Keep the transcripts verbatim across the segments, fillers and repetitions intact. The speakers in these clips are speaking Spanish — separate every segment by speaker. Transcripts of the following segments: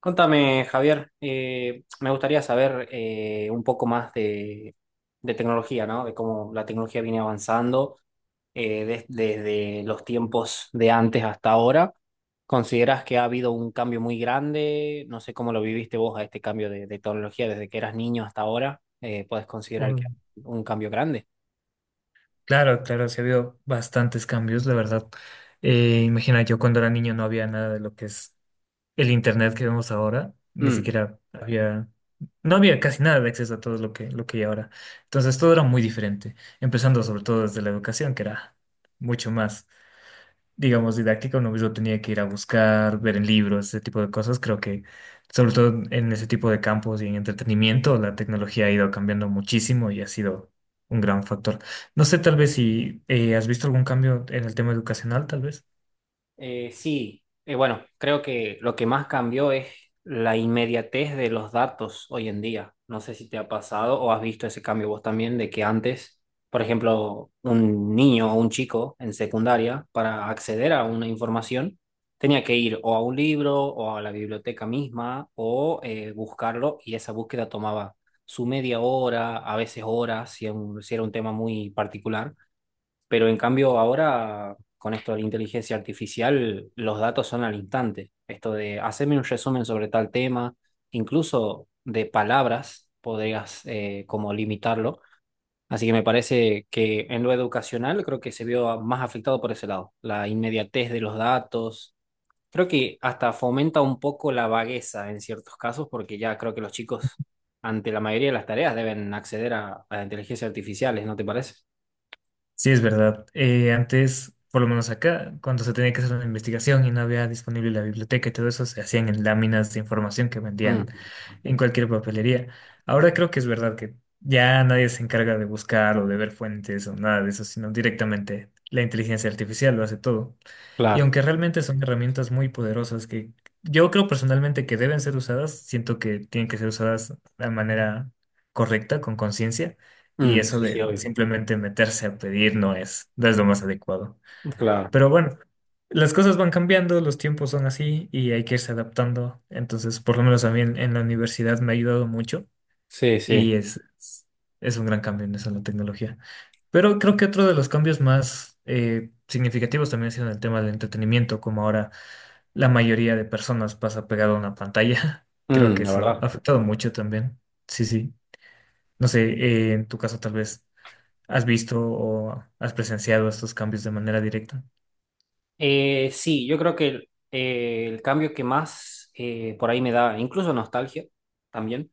Speaker 1: Contame, Javier, eh, me gustaría saber eh, un poco más de, de tecnología, ¿no? De cómo la tecnología viene avanzando eh, des- desde los tiempos de antes hasta ahora. ¿Consideras que ha habido un cambio muy grande? No sé cómo lo viviste vos a este cambio de, de tecnología desde que eras niño hasta ahora. Eh, ¿puedes considerar que
Speaker 2: Uy,
Speaker 1: ha habido un cambio grande?
Speaker 2: claro, claro, sí ha habido bastantes cambios, la verdad. Eh, imagina, yo cuando era niño no había nada de lo que es el internet que vemos ahora, ni
Speaker 1: Mm.
Speaker 2: siquiera había, no había casi nada de acceso a todo lo que, lo que hay ahora. Entonces todo era muy diferente, empezando
Speaker 1: Sí.
Speaker 2: sobre todo desde la educación, que era mucho más, digamos, didáctica. Uno mismo tenía que ir a buscar, ver en libros, ese tipo de cosas. Creo que, sobre todo en ese tipo de campos y en entretenimiento, la tecnología ha ido cambiando muchísimo y ha sido un gran factor. No sé, tal vez si eh, has visto algún cambio en el tema educacional, tal vez.
Speaker 1: Eh, sí, Eh, bueno, creo que lo que más cambió es la inmediatez de los datos hoy en día. No sé si te ha pasado o has visto ese cambio vos también, de que antes, por ejemplo, un niño o un chico en secundaria, para acceder a una información, tenía que ir o a un libro o a la biblioteca misma o eh, buscarlo, y esa búsqueda tomaba su media hora, a veces horas, si era un si era un tema muy particular. Pero en cambio ahora, con esto de la inteligencia artificial, los datos son al instante. Esto de hacerme un resumen sobre tal tema, incluso de palabras, podrías eh, como limitarlo. Así que me parece que en lo educacional creo que se vio más afectado por ese lado, la inmediatez de los datos. Creo que hasta fomenta un poco la vagueza en ciertos casos, porque ya creo que los chicos ante la mayoría de las tareas deben acceder a, a inteligencias artificiales, ¿no te parece?
Speaker 2: Sí, es verdad. Eh, antes, por lo menos acá, cuando se tenía que hacer una investigación y no había disponible la biblioteca y todo eso, se hacían en láminas de información que vendían
Speaker 1: Mm,
Speaker 2: en cualquier papelería. Ahora creo que es verdad que ya nadie se encarga de buscar o de ver fuentes o nada de eso, sino directamente la inteligencia artificial lo hace todo. Y
Speaker 1: claro.
Speaker 2: aunque realmente son herramientas muy poderosas que yo creo personalmente que deben ser usadas, siento que tienen que ser usadas de manera correcta, con conciencia, y
Speaker 1: Mm.
Speaker 2: eso
Speaker 1: Sí, sí,
Speaker 2: de
Speaker 1: obvio.
Speaker 2: simplemente meterse a pedir no es, no es lo más adecuado.
Speaker 1: Claro.
Speaker 2: Pero bueno, las cosas van cambiando, los tiempos son así y hay que irse adaptando. Entonces, por lo menos a mí en, en la universidad me ha ayudado mucho
Speaker 1: Sí, sí.
Speaker 2: y es, es, es un gran cambio en eso, la tecnología. Pero creo que otro de los cambios más eh, significativos también ha sido en el tema del entretenimiento, como ahora la mayoría de personas pasa pegado a una pantalla. Creo
Speaker 1: Mm,
Speaker 2: que
Speaker 1: la
Speaker 2: eso ha
Speaker 1: verdad.
Speaker 2: afectado mucho también. Sí, sí. No sé, eh, en tu caso tal vez has visto o has presenciado estos cambios de manera directa.
Speaker 1: Eh, sí, yo creo que el, eh, el cambio que más eh, por ahí me da, incluso nostalgia también.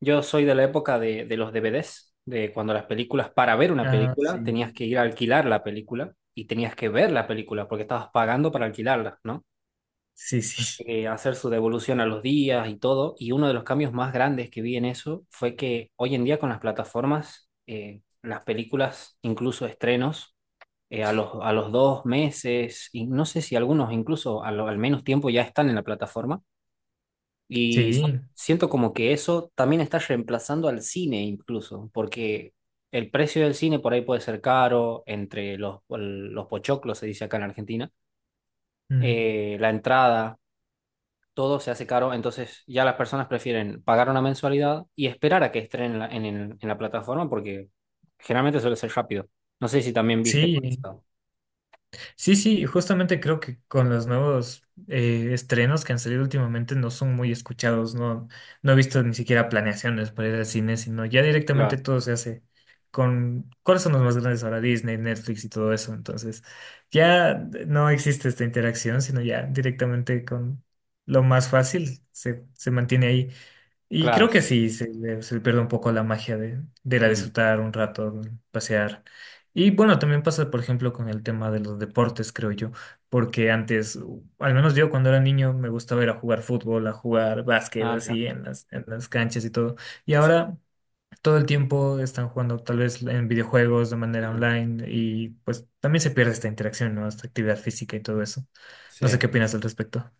Speaker 1: Yo soy de la época de, de los D V Ds, de cuando las películas, para ver una
Speaker 2: Ah,
Speaker 1: película,
Speaker 2: sí.
Speaker 1: tenías que ir a alquilar la película y tenías que ver la película porque estabas pagando para alquilarla, ¿no?
Speaker 2: Sí, sí.
Speaker 1: Eh, hacer su devolución a los días y todo. Y uno de los cambios más grandes que vi en eso fue que hoy en día con las plataformas, eh, las películas, incluso estrenos, eh, a los, a los dos meses, y no sé si algunos incluso a lo- al menos tiempo ya están en la plataforma. Y s-
Speaker 2: Sí.
Speaker 1: siento como que eso también está reemplazando al cine incluso, porque el precio del cine por ahí puede ser caro, entre los, el- los pochoclos, se dice acá en Argentina,
Speaker 2: Mm.
Speaker 1: eh, la entrada. Todo se hace caro, entonces ya las personas prefieren pagar una mensualidad y esperar a que estrenen en la, en, el- en la plataforma porque generalmente suele ser rápido. No sé si también viste por
Speaker 2: Sí.
Speaker 1: eso.
Speaker 2: Sí, sí, justamente creo que con los nuevos eh, estrenos que han salido últimamente no son muy escuchados, no, no he visto ni siquiera planeaciones para ir al cine, sino ya directamente
Speaker 1: Claro,
Speaker 2: todo se hace con, ¿cuáles son los más grandes ahora? Disney, Netflix y todo eso, entonces ya no existe esta interacción, sino ya directamente con lo más fácil se, se mantiene ahí. Y
Speaker 1: claro,
Speaker 2: creo que
Speaker 1: sí, sí.
Speaker 2: sí, se le, se le pierde un poco la magia de, de ir a
Speaker 1: Mm.
Speaker 2: disfrutar un rato, de pasear. Y bueno, también pasa, por ejemplo, con el tema de los deportes, creo yo, porque antes, u- al menos yo cuando era niño, me gustaba ir a jugar fútbol, a jugar básquet,
Speaker 1: Ah, mira.
Speaker 2: así en las, en las canchas y todo. Y
Speaker 1: Sí.
Speaker 2: ahora todo el tiempo están jugando tal vez en videojuegos de manera
Speaker 1: Mm.
Speaker 2: online y pues también se pierde esta interacción, ¿no? Esta actividad física y todo eso. No sé
Speaker 1: Sí,
Speaker 2: qué opinas al respecto.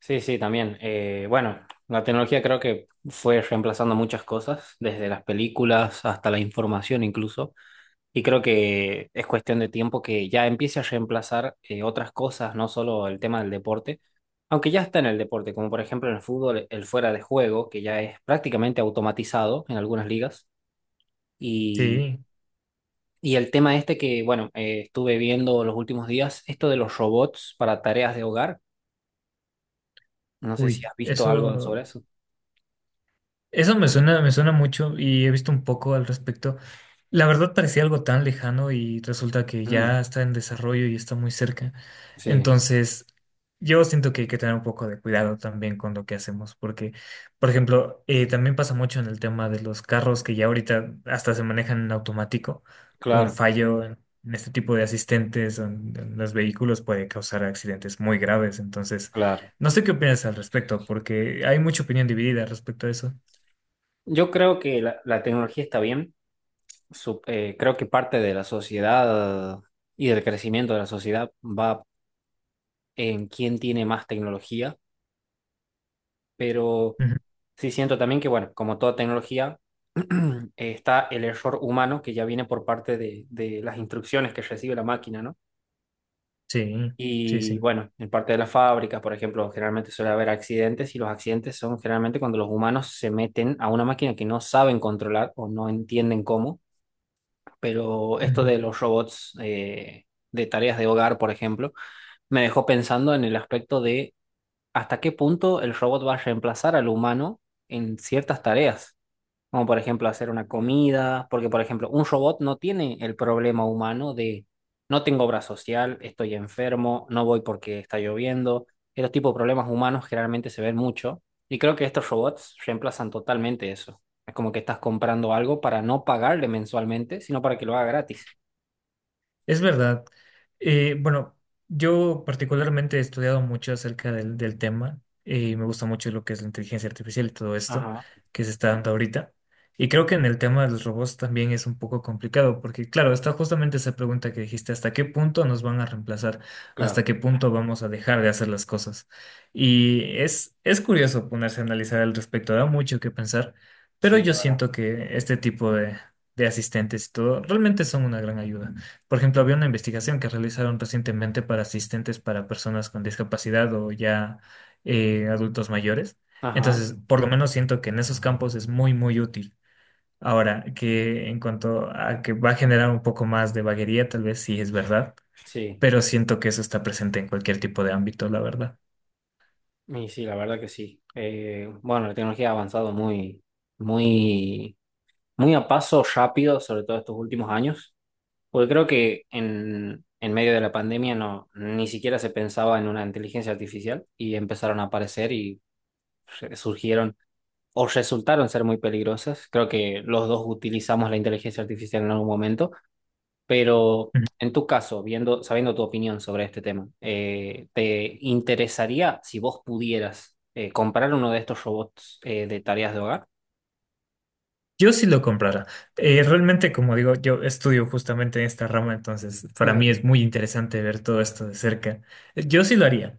Speaker 1: sí, sí, también. Eh, bueno, la tecnología creo que fue reemplazando muchas cosas, desde las películas hasta la información incluso. Y creo que es cuestión de tiempo que ya empiece a reemplazar eh, otras cosas, no solo el tema del deporte, aunque ya está en el deporte, como por ejemplo en el fútbol, el fuera de juego, que ya es prácticamente automatizado en algunas ligas. Y,
Speaker 2: Sí,
Speaker 1: y el tema este que, bueno, eh, estuve viendo los últimos días, esto de los robots para tareas de hogar. No sé si
Speaker 2: uy,
Speaker 1: has visto algo sobre
Speaker 2: eso.
Speaker 1: eso.
Speaker 2: Eso me suena, me suena mucho y he visto un poco al respecto. La verdad parecía algo tan lejano y resulta que
Speaker 1: Mm,
Speaker 2: ya está en desarrollo y está muy cerca.
Speaker 1: sí,
Speaker 2: Entonces, yo siento que hay que tener un poco de cuidado también con lo que hacemos, porque, por ejemplo, eh, también pasa mucho en el tema de los carros que ya ahorita hasta se manejan en automático. Un
Speaker 1: claro,
Speaker 2: fallo en, en este tipo de asistentes o en, en los vehículos puede causar accidentes muy graves. Entonces,
Speaker 1: claro.
Speaker 2: no sé qué opinas al respecto, porque hay mucha opinión dividida respecto a eso.
Speaker 1: Yo creo que la, la tecnología está bien. Sup- eh, creo que parte de la sociedad y del crecimiento de la sociedad va en quién tiene más tecnología, pero
Speaker 2: Ujú.
Speaker 1: sí siento también que, bueno, como toda tecnología, está el error humano que ya viene por parte de, de las instrucciones que recibe la máquina, ¿no?
Speaker 2: Sí, sí,
Speaker 1: Y
Speaker 2: sí.
Speaker 1: bueno, en parte de las fábricas, por ejemplo, generalmente suele haber accidentes y los accidentes son generalmente cuando los humanos se meten a una máquina que no saben controlar o no entienden cómo. Pero esto de
Speaker 2: Ujú.
Speaker 1: los robots eh, de tareas de hogar, por ejemplo, me dejó pensando en el aspecto de hasta qué punto el robot va a reemplazar al humano en ciertas tareas. Como por ejemplo hacer una comida, porque por ejemplo un robot no tiene el problema humano de no tengo obra social, estoy enfermo, no voy porque está lloviendo. Esos tipos de problemas humanos generalmente se ven mucho y creo que estos robots reemplazan totalmente eso. Es como que estás comprando algo para no pagarle mensualmente, sino para que lo haga gratis.
Speaker 2: Es verdad. Eh, bueno, yo particularmente he estudiado mucho acerca del, del tema y me gusta mucho lo que es la inteligencia artificial y todo esto
Speaker 1: Ajá,
Speaker 2: que se está dando ahorita. Y creo que en el tema de los robots también es un poco complicado porque, claro, está justamente esa pregunta que dijiste, ¿hasta qué punto nos van a reemplazar? ¿Hasta
Speaker 1: claro,
Speaker 2: qué punto vamos a dejar de hacer las cosas? Y es, es curioso ponerse a analizar al respecto, da mucho que pensar, pero
Speaker 1: sí, la
Speaker 2: yo
Speaker 1: verdad.
Speaker 2: siento que este tipo de, de asistentes y todo realmente son una gran ayuda. Por ejemplo, había una investigación que realizaron recientemente para asistentes para personas con discapacidad o ya eh, adultos mayores.
Speaker 1: Ajá,
Speaker 2: Entonces, por lo menos siento que en esos campos es muy, muy útil. Ahora, que en cuanto a que va a generar un poco más de vaguería, tal vez sí es verdad,
Speaker 1: sí,
Speaker 2: pero siento que eso está presente en cualquier tipo de ámbito, la verdad.
Speaker 1: y sí, la verdad que sí. Eh, bueno, la tecnología ha avanzado muy, muy muy a paso rápido, sobre todo estos últimos años, porque creo que en, en medio de la pandemia no, ni siquiera se pensaba en una inteligencia artificial y empezaron a aparecer y re- surgieron o resultaron ser muy peligrosas. Creo que los dos utilizamos la inteligencia artificial en algún momento, pero en tu caso, viendo, sabiendo tu opinión sobre este tema, eh, ¿te interesaría si vos pudieras eh, comprar uno de estos robots eh, de tareas de hogar?
Speaker 2: Yo sí lo comprara. Eh, realmente, como digo, yo estudio justamente en esta rama, entonces para
Speaker 1: Ajá.
Speaker 2: mí es muy interesante ver todo esto de cerca. Eh, Yo sí lo haría.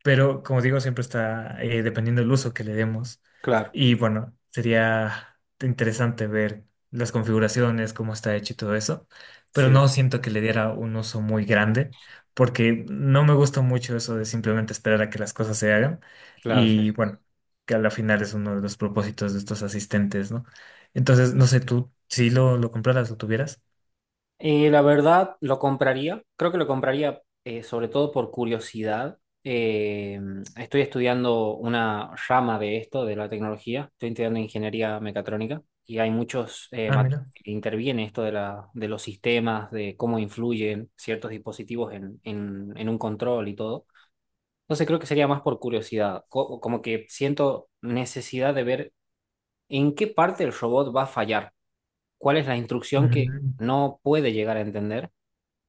Speaker 2: Pero como digo, siempre está eh, dependiendo del uso que le demos.
Speaker 1: Claro,
Speaker 2: Y bueno, sería interesante ver las configuraciones, cómo está hecho y todo eso. Pero
Speaker 1: sí,
Speaker 2: no siento que le diera un uso muy grande, porque no me gusta mucho eso de simplemente esperar a que las cosas se hagan.
Speaker 1: claro, sí.
Speaker 2: Y bueno, que a la final es uno de los propósitos de estos asistentes, ¿no? Entonces,
Speaker 1: Sí.
Speaker 2: no sé, tú si lo, lo compraras, lo tuvieras.
Speaker 1: Eh, la verdad, lo compraría. Creo que lo compraría eh, sobre todo por curiosidad. Eh, estoy estudiando una rama de esto, de la tecnología. Estoy estudiando ingeniería mecatrónica y hay muchos eh,
Speaker 2: Ah,
Speaker 1: mate-
Speaker 2: mira.
Speaker 1: que interviene esto de la, de los sistemas, de cómo influyen ciertos dispositivos en, en, en un control y todo. Entonces creo que sería más por curiosidad, co- como que siento necesidad de ver en qué parte el robot va a fallar, cuál es la instrucción que
Speaker 2: Ujú.
Speaker 1: no puede llegar a entender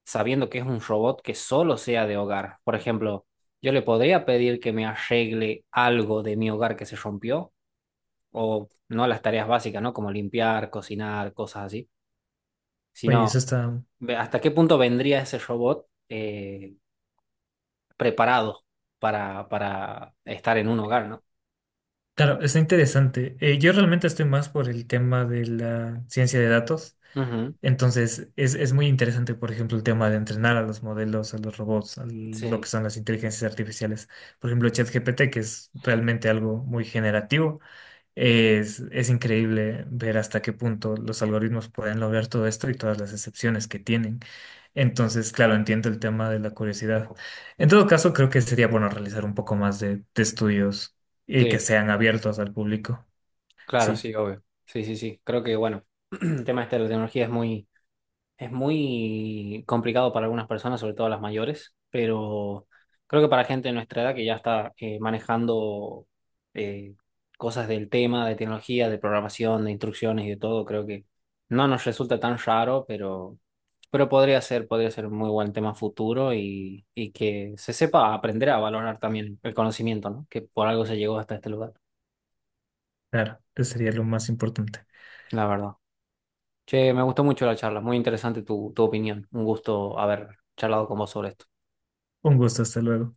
Speaker 1: sabiendo que es un robot que solo sea de hogar. Por ejemplo, yo le podría pedir que me arregle algo de mi hogar que se rompió, o no las tareas básicas, ¿no? Como limpiar, cocinar, cosas así,
Speaker 2: Oye,
Speaker 1: sino
Speaker 2: eso está.
Speaker 1: ve- hasta qué punto vendría ese robot eh, preparado para, para estar en un hogar, ¿no?
Speaker 2: Claro, está interesante. Eh, yo realmente estoy más por el tema de la ciencia de datos.
Speaker 1: Ujú.
Speaker 2: Entonces, es, es muy interesante, por ejemplo, el tema de entrenar a los modelos, a los robots, a lo
Speaker 1: Sí,
Speaker 2: que son las inteligencias artificiales. Por ejemplo, ChatGPT, que es realmente algo muy generativo. Es, es increíble ver hasta qué punto los algoritmos pueden lograr todo esto y todas las excepciones que tienen. Entonces, claro, entiendo el tema de la curiosidad. En todo caso, creo que sería bueno realizar un poco más de, de estudios y que
Speaker 1: sí,
Speaker 2: sean abiertos al público.
Speaker 1: claro,
Speaker 2: Sí,
Speaker 1: sí, obvio. Sí, sí, sí. Creo que, bueno, el tema este de la tecnología es muy. Es muy complicado para algunas personas, sobre todo las mayores, pero creo que para gente de nuestra edad que ya está eh, manejando eh, cosas del tema, de tecnología, de programación, de instrucciones y de todo, creo que no nos resulta tan raro, pero, pero podría ser, podría ser un muy buen tema futuro y, y que se sepa aprender a valorar también el conocimiento, ¿no? Que por algo se llegó hasta este lugar,
Speaker 2: claro, eso sería lo más importante.
Speaker 1: la verdad. Che, me gustó mucho la charla, muy interesante tu, tu opinión, un gusto haber charlado con vos sobre esto.
Speaker 2: Un gusto, hasta luego.